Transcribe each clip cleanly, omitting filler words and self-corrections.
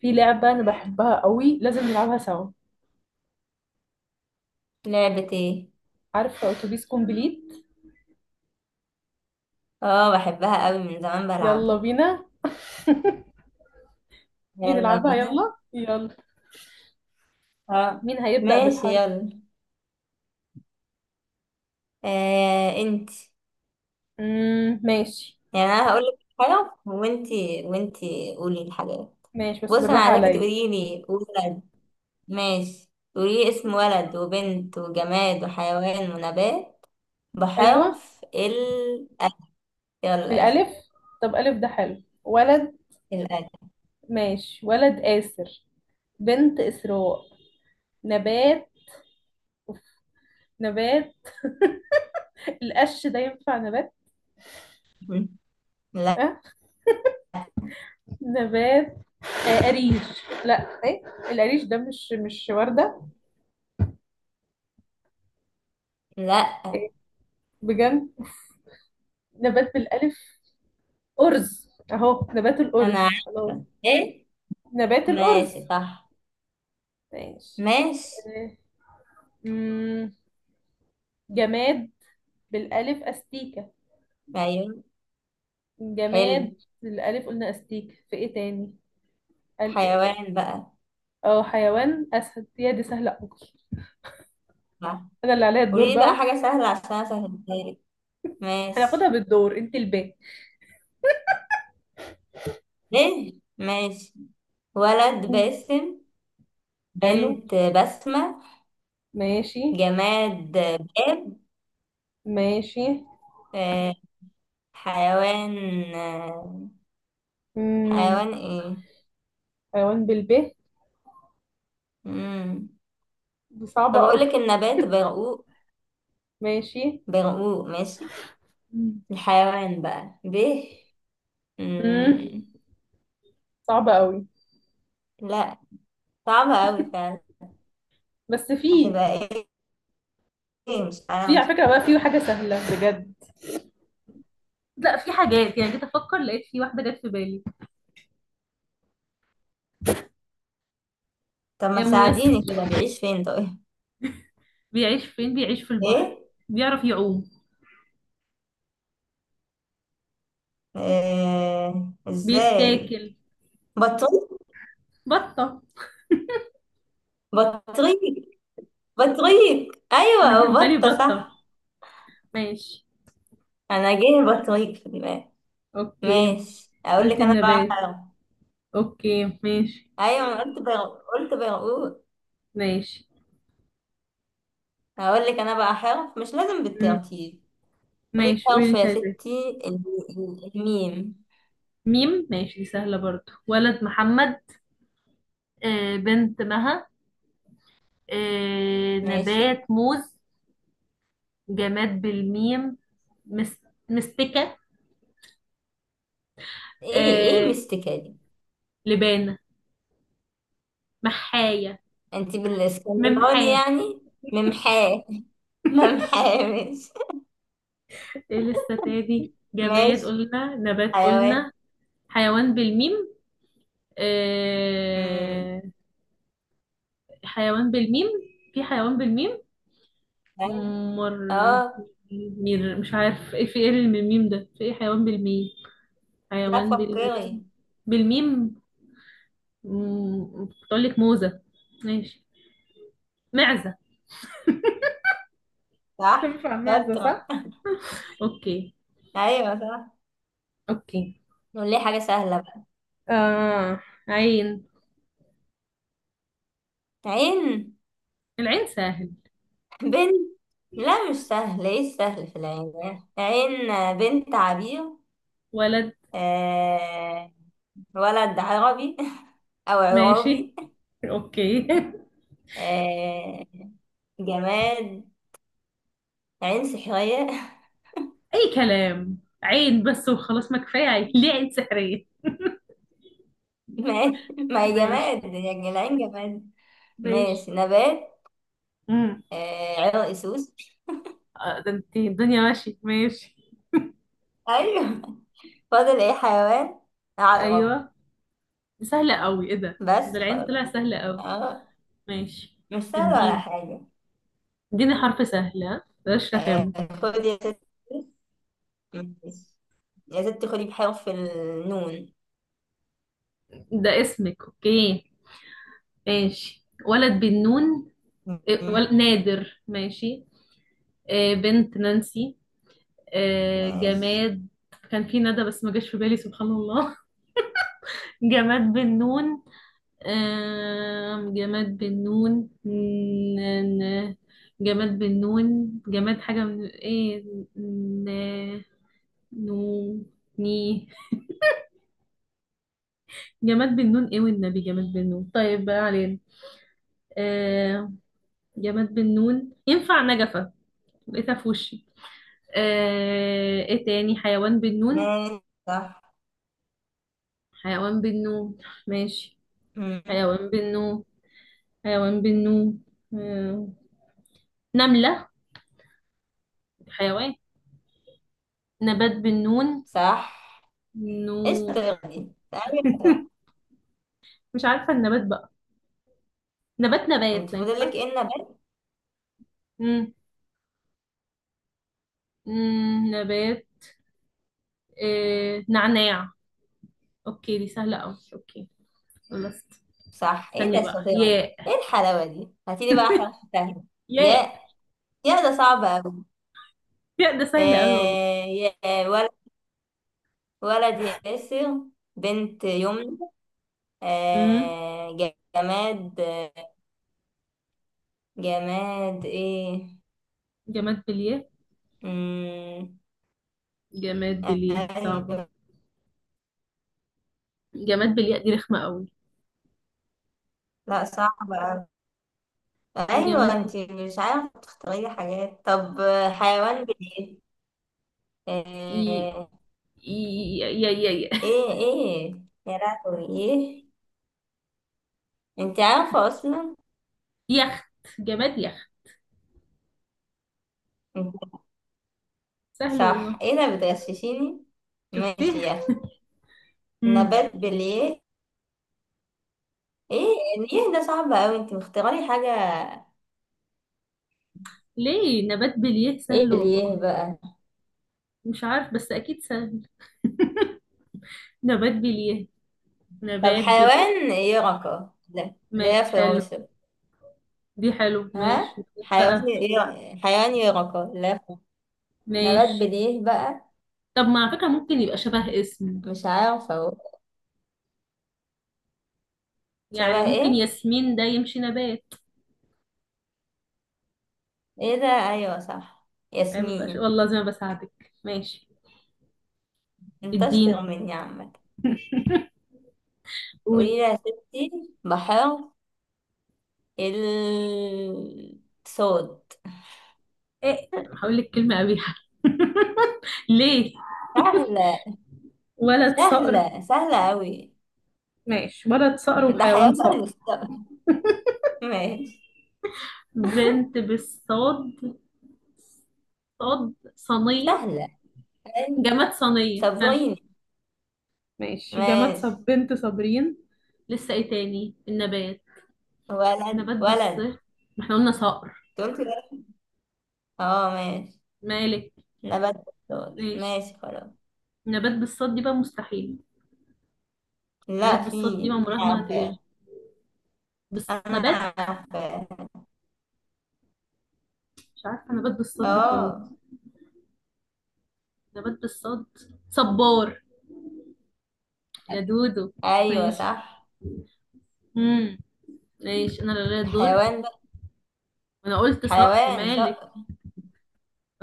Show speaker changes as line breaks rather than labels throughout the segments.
في لعبة أنا بحبها قوي، لازم نلعبها سوا.
لعبة ايه؟
عارفة أتوبيس كومبليت؟
اه، بحبها قوي من زمان
يلا
بلعبها.
بينا، نيجي
يلا
نلعبها.
بينا.
يلا يلا.
اه،
مين هيبدأ
ماشي،
بالحرف؟
يلا. آه، انت.
مم. ماشي.
يعني انا هقول لك حاجة، وانت قولي الحاجات.
ماشي،
بص،
بس
انا
بالراحة
عايزاكي
عليا.
تقولي لي ولد. ماشي. تقولي لي اسم ولد وبنت وجماد وحيوان ونبات
أيوة.
بحرف ال أ. يلا يا
الألف.
ستي.
طب ألف ده حلو ولد.
الألف.
ماشي، ولد آسر. بنت إسراء. نبات. نبات، القش ده ينفع نبات؟
لا،
أه؟ نبات. آه، قريش؟ لا، ايه؟ القريش ده مش وردة؟
لا.
ايه، بجد؟ نبات بالألف. أرز، أهو نبات،
انا
الأرز خلاص.
عارفة ايه.
نبات الأرز.
ماشي، صح.
ماشي.
ماشي.
أمم، جماد بالألف، أستيكة.
ايوه، حلو.
جماد بالألف، قلنا أستيكة، في إيه تاني؟ ال-
حيوان بقى.
اه، حيوان أسد، يا دي سهلة أوي.
صح.
أنا اللي عليا الدور
قولي لي بقى
بقى.
حاجة سهلة عشان أسهلها لك. ماشي.
هناخدها بالدور، أنت الباء.
ليه؟ ماشي. ولد
مم.
باسم.
حلو.
بنت بسمة.
ماشي.
جماد باب.
ماشي.
آه، حيوان. آه،
مم.
حيوان ايه؟
حيوان بالباء،
مم.
دي صعبة
طب أقول
أوي.
لك النبات برقوق.
ماشي.
برقوق، ماشي.
مم.
الحيوان بقى ب،
مم.
مم.
صعبة أوي،
لا، صعبة أوي فعلا.
بس فيه.
هتبقى ايه؟ مش
في،
عارفة.
على فكرة بقى، في حاجة سهلة بجد. لا، في حاجات، يعني جيت افكر لقيت، في واحده جت في بالي.
طب ما
يا ميسر.
تساعديني كده؟ بيعيش فين طيب؟
بيعيش فين؟ بيعيش في البحر.
ايه؟
بيعرف يعوم.
آه، ازاي؟
بيتاكل.
بطريق
بطه.
بطريق بطريق.
انا جه
ايوه،
في بالي
بطه صح.
بطه. ماشي.
انا جه البطريق في دماغي.
اوكي.
ماشي، اقول لك
قلت
انا بقى
النبات.
حرف.
اوكي، ماشي.
ايوه، انا قلت برقوق.
ماشي.
هقول لك انا بقى حرف مش لازم
مم.
بالترتيب. قولي
ماشي، قولي
حرف
انت
يا
عايزة إيه.
ستي الميم.
ميم، ماشي، دي سهله برضو. ولد محمد. آه، بنت مها. آه،
ماشي.
نبات موز. جماد بالميم. مس... مستكه.
ايه
آه،
مستكة دي؟
لبانة. محاية.
انت بالاسكندراني
ممحاة.
يعني؟ ممحاه. ممحاه، ماشي.
ايه لسه تاني؟ جماد
ماشي،
قلنا، نبات
حيوان.
قلنا. حيوان بالميم.
امم
آه... حيوان بالميم. في حيوان بالميم. مر.
اه،
مير، مش عارف ايه، في ايه اللي من الميم ده؟ في ايه حيوان بالميم.
لا
حيوان
تفكري.
بالميم. بالميم. كنت اقول لك موزة. ماشي. معزة.
صح،
تنفع معزة
شاطرة.
صح؟ اوكي.
أيوة، صح.
اوكي.
نقول ليه حاجة سهلة بقى.
آه، عين.
عين.
العين سهل.
بنت. لا، مش سهل. ايه السهل في العين؟ عين. بنت عبير.
ولد.
آه... ولد عربي. أو
ماشي.
عرابي.
اوكي.
آه... جماد، عين سحرية.
اي كلام. عين بس وخلاص، ما كفايه عين، ليه عين سحريه.
ما ما هي
ماشي.
جماد يعني، العين جماد.
ماشي.
ماشي، نبات.
امم
عرق سوس.
آه، ده انت الدنيا، ماشي ماشي.
أيوه. فاضل ايه؟ حيوان. عقرب.
ايوه، دي سهله قوي. ايه ده
بس
العين؟
خلاص.
طلع سهله قوي.
اه،
ماشي.
مش سهل ولا
الدين.
حاجة.
اديني حرف سهل، ها، بلاش
آه،
رخامه.
خدي يا ستي. ماشي. يا ستي خدي بحرف النون.
ده اسمك، اوكي. ماشي. ولد بالنون. إيه،
مم.
نادر، ماشي. آه، بنت نانسي. آه،
ماشي.
جماد. كان في ندى، بس ما جاش في بالي، سبحان الله. جماد بالنون. جماد بالنون. ن- جماد بالنون، جماد حاجة من ايه؟ ن... نو ني جماد بالنون، ايه والنبي، جماد بالنون، طيب بقى علينا. آم، جماد بالنون ينفع نجفة. لقيتها في وشي. آه، ايه تاني؟ حيوان بالنون.
ماشي، صح.
حيوان بالنون. ماشي.
مم.
حيوان بالنون. حيوان بالنون. آه، نملة. حيوان. نبات بالنون.
صح. ايه
نور.
الشطيرة دي؟ تعالي بقى.
مش عارفة النبات بقى. نبات
انت
نبات ما
فاضلك ايه
ينفعش.
النبات؟
مم. نبات. آه، نعناع. اوكي، دي سهلة اوي، اوكي. خلصت.
صح. ايه
استني
ده
بقى،
الشطيرة دي؟
ياء.
ايه الحلاوة دي؟ هاتيلي بقى حرف سهل.
ياء.
يا. يا ده صعب أوي.
ياء ده سهل اوي والله.
آه، يا. ولد. ولد ياسر. بنت يمنى.
مم.
آه. جماد. جماد ايه؟
جماد بالياء.
امم
جماد بالياء صعبة.
ايوه.
جماد بالياء، دي رخمة اوي.
لا، صعب أوي. ايوه،
جماد
انت
بال-
مش عارفه تختاري حاجات، طب. حيوان بليه.
ي...
آه،
ي... ي... ي... ي...
ايه. يا لهوي، ايه؟ انت عارفه اصلا.
يخت. جماد يخت.
انت
سهل
صح.
والله.
ايه ده؟ بتغششيني؟ ماشي
شفتيه.
يا اخي.
مم.
نبات بليه ايه؟ ليه ده صعب اوي؟ انت مختاري حاجه.
ليه؟ نبات بالياء
ايه
سهل
بليه
والله.
بقى؟
مش عارف بس اكيد سهل. نبات بليه.
طب،
نبات بليه.
حيوان يرقة. لا،
ما
لا،
حلو.
فروشه.
دي حلو، ماشي،
ها،
نبات
حيوان
بقى.
ايه؟ حيوان يرقى. لا. نبات
ماشي.
بديه بقى؟
طب ما على فكرة ممكن يبقى شبه اسم.
مش عارفة اهو.
يعني
شبه
ممكن
ايه؟
ياسمين ده يمشي نبات.
ايه ده؟ ايوه، صح،
عيب يبقى
ياسمين.
والله، زي ما بساعدك. ماشي.
انت اشطر
اديني.
مني يا عمك. قولي لي
قولي.
يا ستي. بحر. الصوت.
ايه. هقول لك كلمة قبيحة. ليه.
سهلة.
ولد صقر.
سهلة. سهلة أوي.
ماشي، ولد صقر
ده
وحيوان
حيوان
صقر.
مستوى. ماشي.
بنت بالصاد، صاد صينية.
سهلة. أي،
جماد صينية، ها.
صبريني.
ماشي، وجماد
ماشي.
بنت صابرين. لسه ايه تاني النبات؟
ولد.
نبات بالص،
ولد
ما احنا قلنا صقر
قلت ولد. اه، ماشي.
مالك.
نبات بالصوت.
ماشي.
ماشي، خلاص.
نبات بالصاد دي بقى مستحيل. نبات
لا، في.
بالصاد دي عمرها
انا
ما هتغير.
عارفاه.
بس
انا
نبات.
عارفاه.
مش عارفة نبات بالصاد دي خالص.
اه،
نبات بالصاد. صبار. يا دودو.
ايوه،
ماشي.
صح.
امم ماشي، انا اللي ليا الدور.
حيوان بقى.
انا قلت صقر
حيوان،
مالك.
صح.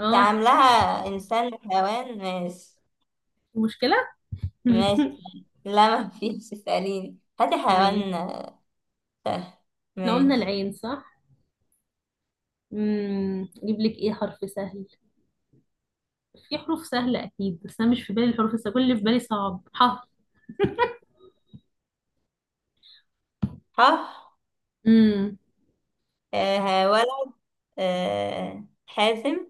انت عاملاها انسان وحيوان. ماشي.
مشكلة.
ماشي، صح. لا، ما فيش، اسأليني. هاتي
ماشي.
حيوان. سهل.
احنا قلنا
ماشي.
العين، صح. اجيب لك ايه حرف سهل؟ في حروف سهلة أكيد، بس أنا مش في بالي الحروف السهلة، كل اللي في بالي صعب. ح.
ح.
امم
ولد. حازم.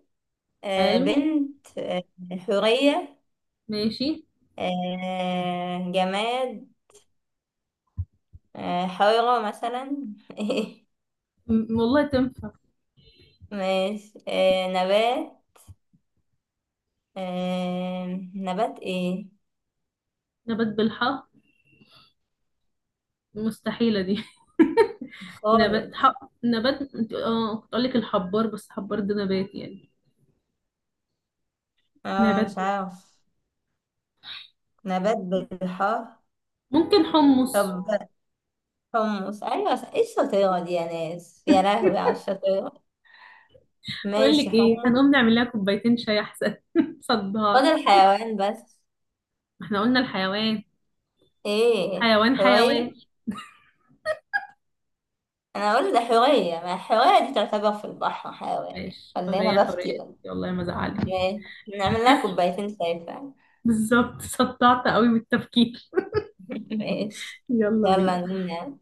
حلو.
بنت. حورية.
ماشي.
جماد. حيرة مثلا.
والله تنفع.
ماشي. نبات. آه... نبات ايه؟
نبات بالحاء، مستحيلة دي. نبات
خالص.
حق نبات، كنت أقول لك الحبار، بس حبار ده نبات يعني.
اه،
نبات
مش
بال-
عارف. نبات بالحار.
ممكن حمص.
طب، حمص. ايوه. ايه الشطيرة دي يا ناس؟ يا لهوي على الشطيرة.
أقول
ماشي،
لك إيه؟
حمص.
هنقوم نعمل لها كوبايتين شاي أحسن. صدعت.
فاضل حيوان بس.
ما احنا قلنا الحيوان.
ايه
حيوان
حورية؟
حيوان.
انا اقول ده حورية، ما الحورية دي تعتبر في البحر حيوان يعني،
ماشي.
ولا
حرية
انا بفتي
حرية.
ولا؟
والله ما زعلت.
ماشي. نعمل لها كوبايتين شاي فعلا.
بالظبط صدعت قوي بالتفكير.
ماشي،
يلا
يلا
بينا.
نمنا.